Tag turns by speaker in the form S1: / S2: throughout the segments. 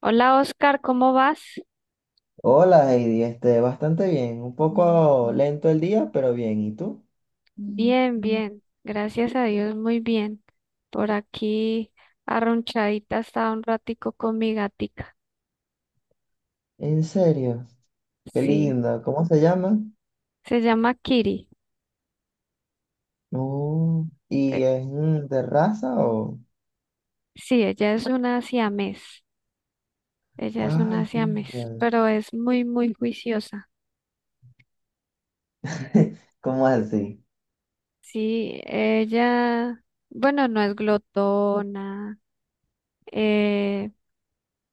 S1: Hola Oscar, ¿cómo vas?
S2: Hola Heidi, este, bastante bien, un poco lento el día, pero bien, ¿y tú? Mm,
S1: Bien,
S2: mm.
S1: bien, gracias a Dios, muy bien. Por aquí arrunchadita estaba un ratico con mi gatica.
S2: En serio, qué
S1: Sí,
S2: lindo, ¿cómo se llama?
S1: se llama Kiri.
S2: Oh,
S1: Eh,
S2: ¿y es de raza o?
S1: sí, ella es una siamés. Ella es una
S2: Ay, qué
S1: siamés,
S2: lindo.
S1: pero es muy, muy juiciosa.
S2: ¿Cómo así?
S1: Sí, ella, bueno, no es glotona. eh,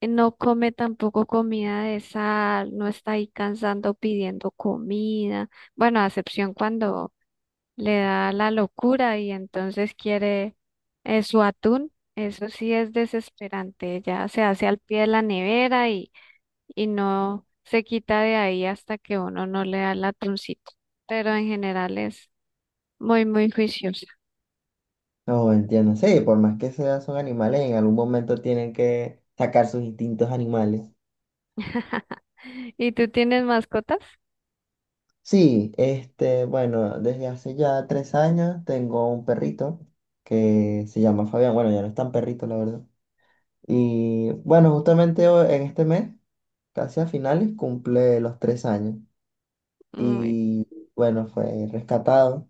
S1: No come tampoco comida de sal, no está ahí cansando pidiendo comida. Bueno, a excepción cuando le da la locura y entonces quiere su atún. Eso sí es desesperante. Ya se hace al pie de la nevera y no se quita de ahí hasta que uno no le da el atuncito. Pero en general es muy, muy juiciosa.
S2: No, entiendo, sí, por más que sea, son animales, en algún momento tienen que sacar sus instintos animales.
S1: ¿Y tú tienes mascotas?
S2: Sí, este, bueno, desde hace ya 3 años tengo un perrito que se llama Fabián, bueno, ya no es tan perrito, la verdad. Y bueno, justamente en este mes, casi a finales, cumple los 3 años.
S1: Uy,
S2: Y bueno, fue rescatado.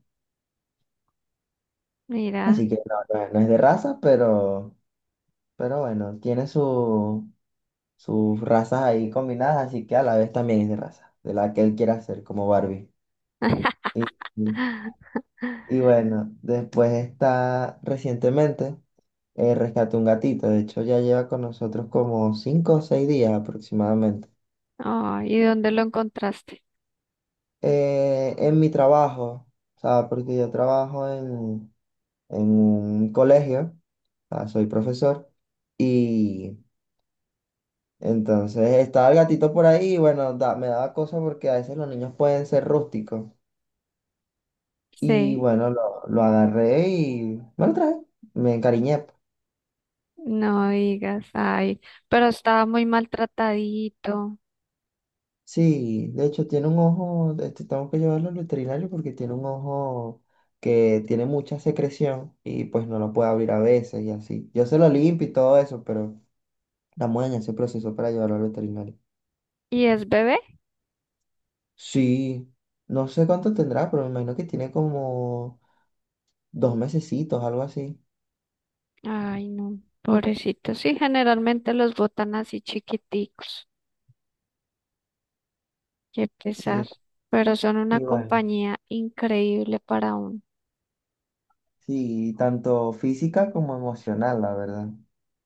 S1: mira.
S2: Así que no es de raza, pero bueno, tiene su, sus razas ahí combinadas, así que a la vez también es de raza, de la que él quiera hacer como Barbie. Y, y- y bueno, después está recientemente, rescaté un gatito. De hecho, ya lleva con nosotros como 5 o 6 días aproximadamente.
S1: Ay, ¿y dónde lo encontraste?
S2: En mi trabajo, o sea, porque yo trabajo en un colegio, o sea, soy profesor, y entonces estaba el gatito por ahí y bueno, me daba cosa porque a veces los niños pueden ser rústicos. Y
S1: Sí,
S2: bueno, lo agarré y me lo traje, me encariñé, pues.
S1: no digas, ay, pero estaba muy maltratadito.
S2: Sí, de hecho tiene un ojo, este, tengo que llevarlo al veterinario porque tiene un ojo que tiene mucha secreción y pues no lo puede abrir a veces y así. Yo se lo limpio y todo eso, pero. La muela se procesó para llevarlo al veterinario.
S1: ¿Y es bebé?
S2: Sí, no sé cuánto tendrá, pero me imagino que tiene como 2 mesecitos, algo así.
S1: Ay, no, pobrecito. Sí, generalmente los botan así chiquiticos, qué pesar.
S2: Sí,
S1: Pero son una
S2: y bueno,
S1: compañía increíble para uno.
S2: sí, tanto física como emocional, la verdad.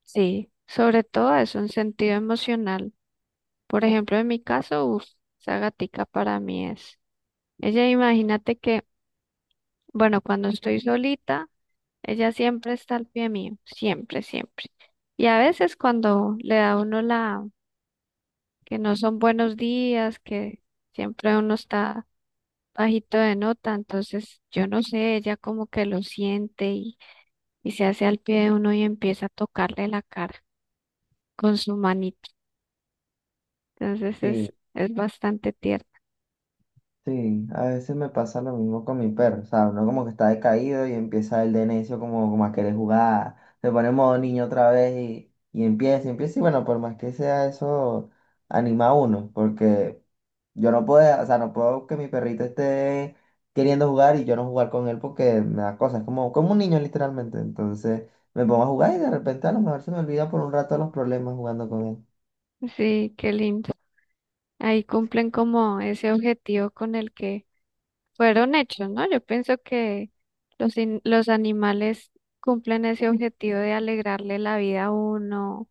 S1: Sí, sobre todo es un sentido emocional. Por ejemplo, en mi caso, uff, esa gatica para mí es. Ella, imagínate que, bueno, cuando estoy solita. Ella siempre está al pie mío, siempre, siempre. Y a veces cuando le da a uno la, que no son buenos días, que siempre uno está bajito de nota, entonces yo no sé, ella como que lo siente y, se hace al pie de uno y empieza a tocarle la cara con su manito. Entonces es,
S2: Sí,
S1: es bastante tierno.
S2: sí, a veces me pasa lo mismo con mi perro, o sea, uno como que está decaído y empieza el de necio como a querer jugar, se pone en modo niño otra vez y empieza, y bueno, por más que sea eso, anima a uno, porque yo no puedo, o sea, no puedo que mi perrito esté queriendo jugar y yo no jugar con él porque me da cosas, es como un niño literalmente. Entonces me pongo a jugar y de repente a lo mejor se me olvida por un rato los problemas jugando con él.
S1: Sí, qué lindo. Ahí cumplen como ese objetivo con el que fueron hechos, ¿no? Yo pienso que los animales cumplen ese objetivo de alegrarle la vida a uno.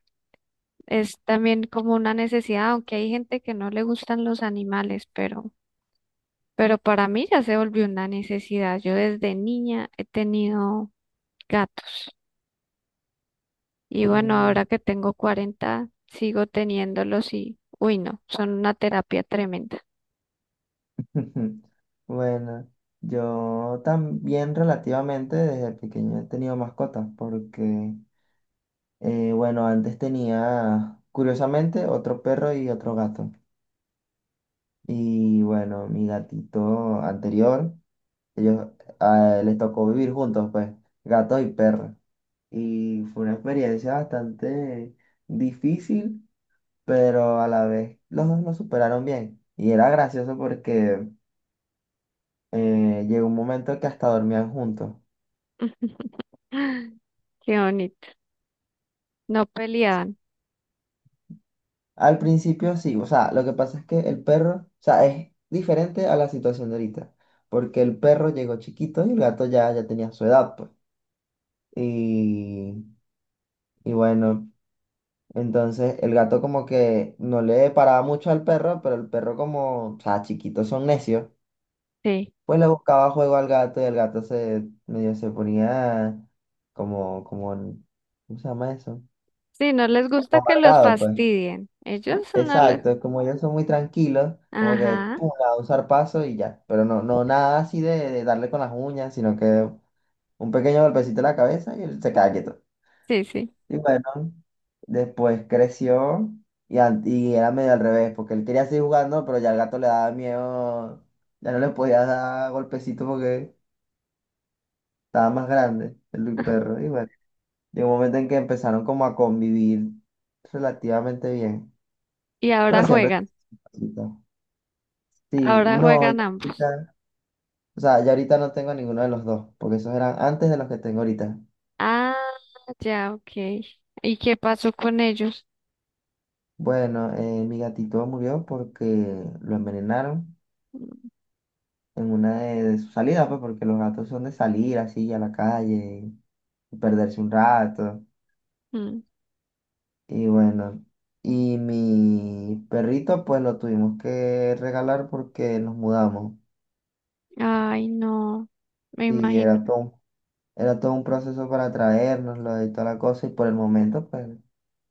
S1: Es también como una necesidad, aunque hay gente que no le gustan los animales, pero para mí ya se volvió una necesidad. Yo desde niña he tenido gatos y bueno,
S2: Mm.
S1: ahora que tengo 40 sigo teniéndolos y, uy, no, son una terapia tremenda.
S2: Bueno, yo también relativamente desde pequeño he tenido mascotas porque, bueno, antes tenía, curiosamente, otro perro y otro gato. Y bueno, mi gatito anterior. Ellos les tocó vivir juntos, pues, gatos y perros. Y fue una experiencia bastante difícil, pero a la vez los dos lo superaron bien. Y era gracioso porque llegó un momento que hasta dormían juntos.
S1: Qué bonito. No peleaban,
S2: Al principio sí, o sea, lo que pasa es que el perro, o sea, es diferente a la situación de ahorita, porque el perro llegó chiquito y el gato ya tenía su edad, pues. Y, y bueno. Entonces el gato como que no le paraba mucho al perro, pero el perro como, o sea, chiquitos son necios,
S1: sí.
S2: pues le buscaba juego al gato y el gato se medio se ponía como, como, ¿cómo se llama eso?
S1: Sí, no les gusta
S2: Como
S1: que los
S2: amargado, pues.
S1: fastidien. Ellos no les...
S2: Exacto, como ellos son muy tranquilos, como que
S1: Ajá,
S2: pum, a un zarpazo y ya. Pero no, no nada así de darle con las uñas, sino que un pequeño golpecito en la cabeza y él se queda quieto.
S1: sí, sí.
S2: Y bueno, después creció y era medio al revés, porque él quería seguir jugando, pero ya el gato le daba miedo, ya no le podía dar golpecitos porque estaba más grande el perro. Y bueno, llegó un momento en que empezaron como a convivir relativamente bien,
S1: Y
S2: pero siempre. Cosita. Sí,
S1: ahora
S2: uno ya
S1: juegan ambos.
S2: ahorita, o sea, ya ahorita no tengo ninguno de los dos, porque esos eran antes de los que tengo ahorita.
S1: Ah, ya, ok. ¿Y qué pasó con ellos?
S2: Bueno, mi gatito murió porque lo envenenaron, en una de sus salidas, pues, porque los gatos son de salir así a la calle y perderse un rato.
S1: Mm,
S2: Y bueno, y mi perrito, pues lo tuvimos que regalar porque nos mudamos.
S1: ay, no, me
S2: Y
S1: imagino.
S2: era todo, era todo un proceso para traérnoslo y toda la cosa. Y por el momento, pues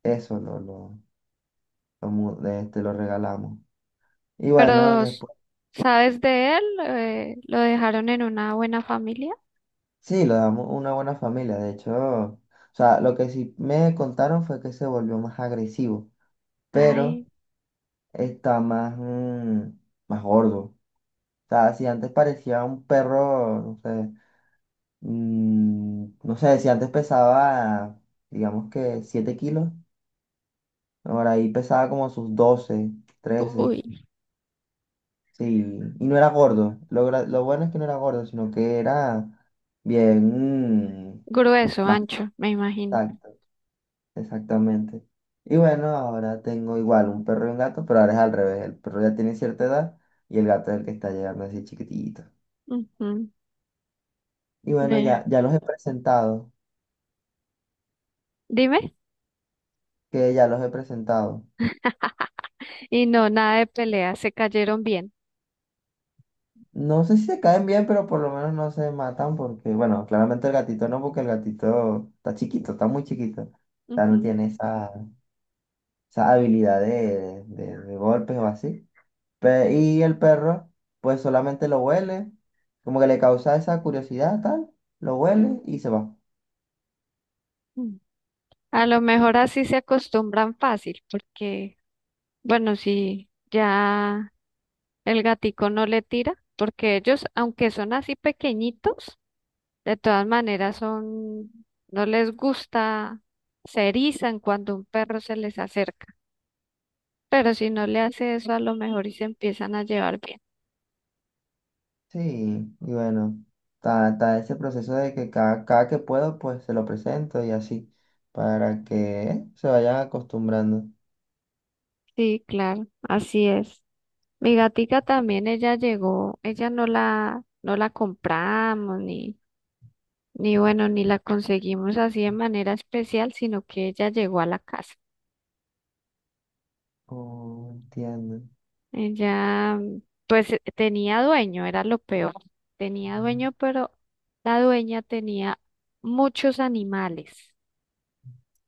S2: eso lo, mu- de este, lo regalamos. Y bueno,
S1: Pero, s-
S2: después,
S1: ¿Sabes de él? ¿Lo dejaron en una buena familia?
S2: sí, lo damos a una buena familia. De hecho, o sea, lo que sí me contaron fue que se volvió más agresivo. Pero
S1: Ay,
S2: está más gordo. O sea, si antes parecía un perro, no sé, no sé, si antes pesaba, digamos que 7 kilos, ahora ahí pesaba como sus 12, 13,
S1: uy,
S2: sí, y no era gordo. Lo bueno es que no era gordo, sino que era bien,
S1: grueso,
S2: más
S1: ancho, me imagino.
S2: exacto, exactamente. Y bueno, ahora tengo igual un perro y un gato, pero ahora es al revés, el perro ya tiene cierta edad y el gato es el que está llegando así chiquitito.
S1: Ujú,
S2: Y bueno, ya,
S1: vea.
S2: ya los he presentado,
S1: Dime.
S2: que ya los he presentado.
S1: Y no, nada de pelea, se cayeron bien.
S2: No sé si se caen bien, pero por lo menos no se matan porque, bueno, claramente el gatito no, porque el gatito está chiquito, está muy chiquito. O sea, no
S1: Ujú,
S2: tiene esa habilidad de golpes o así. Y el perro, pues solamente lo huele, como que le causa esa curiosidad, tal, lo huele y se va.
S1: mm. A lo mejor así se acostumbran fácil, porque, bueno, si ya el gatico no le tira, porque ellos, aunque son así pequeñitos, de todas maneras son, no les gusta, se erizan cuando un perro se les acerca. Pero si no le hace eso, a lo mejor y se empiezan a llevar bien.
S2: Sí, y bueno, está ese proceso de que cada que puedo, pues se lo presento y así, para que se vayan acostumbrando.
S1: Sí, claro, así es. Mi gatica también, ella llegó, ella no la compramos ni bueno, ni la conseguimos así de manera especial, sino que ella llegó a la casa.
S2: Oh, entiendo.
S1: Ella, pues tenía dueño, era lo peor. Tenía dueño, pero la dueña tenía muchos animales.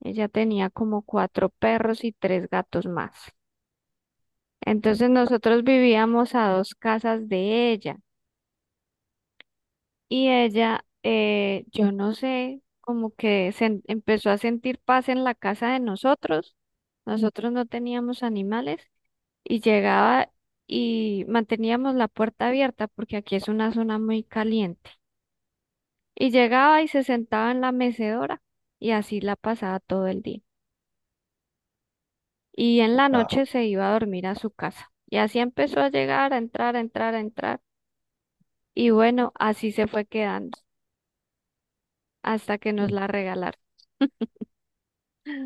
S1: Ella tenía como cuatro perros y tres gatos más. Entonces nosotros vivíamos a dos casas de ella y ella, yo no sé, como que se empezó a sentir paz en la casa de nosotros. Nosotros no teníamos animales y llegaba y manteníamos la puerta abierta porque aquí es una zona muy caliente. Y llegaba y se sentaba en la mecedora y así la pasaba todo el día. Y en la
S2: Ah,
S1: noche se iba a dormir a su casa. Y así empezó a llegar, a entrar, a entrar, a entrar. Y bueno, así se fue quedando hasta que nos la regalaron.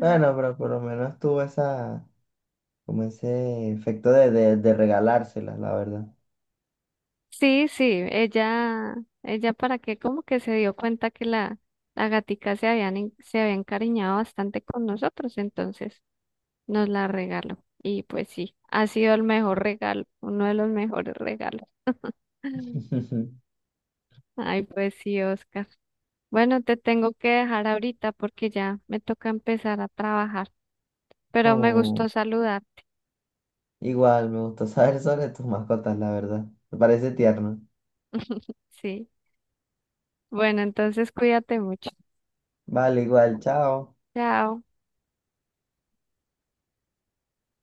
S2: bueno, pero por lo menos tuvo esa, como ese efecto de regalárselas, la verdad.
S1: Sí, sí, ella para qué, como que se dio cuenta que la gatica se había encariñado bastante con nosotros, entonces. Nos la regaló. Y pues sí, ha sido el mejor regalo, uno de los mejores regalos. Ay, pues sí, Oscar. Bueno, te tengo que dejar ahorita porque ya me toca empezar a trabajar, pero me
S2: Oh,
S1: gustó saludar,
S2: igual, me gustó saber sobre tus mascotas, la verdad. Me parece tierno.
S1: sí. Bueno, entonces cuídate mucho.
S2: Vale, igual, chao.
S1: Chao.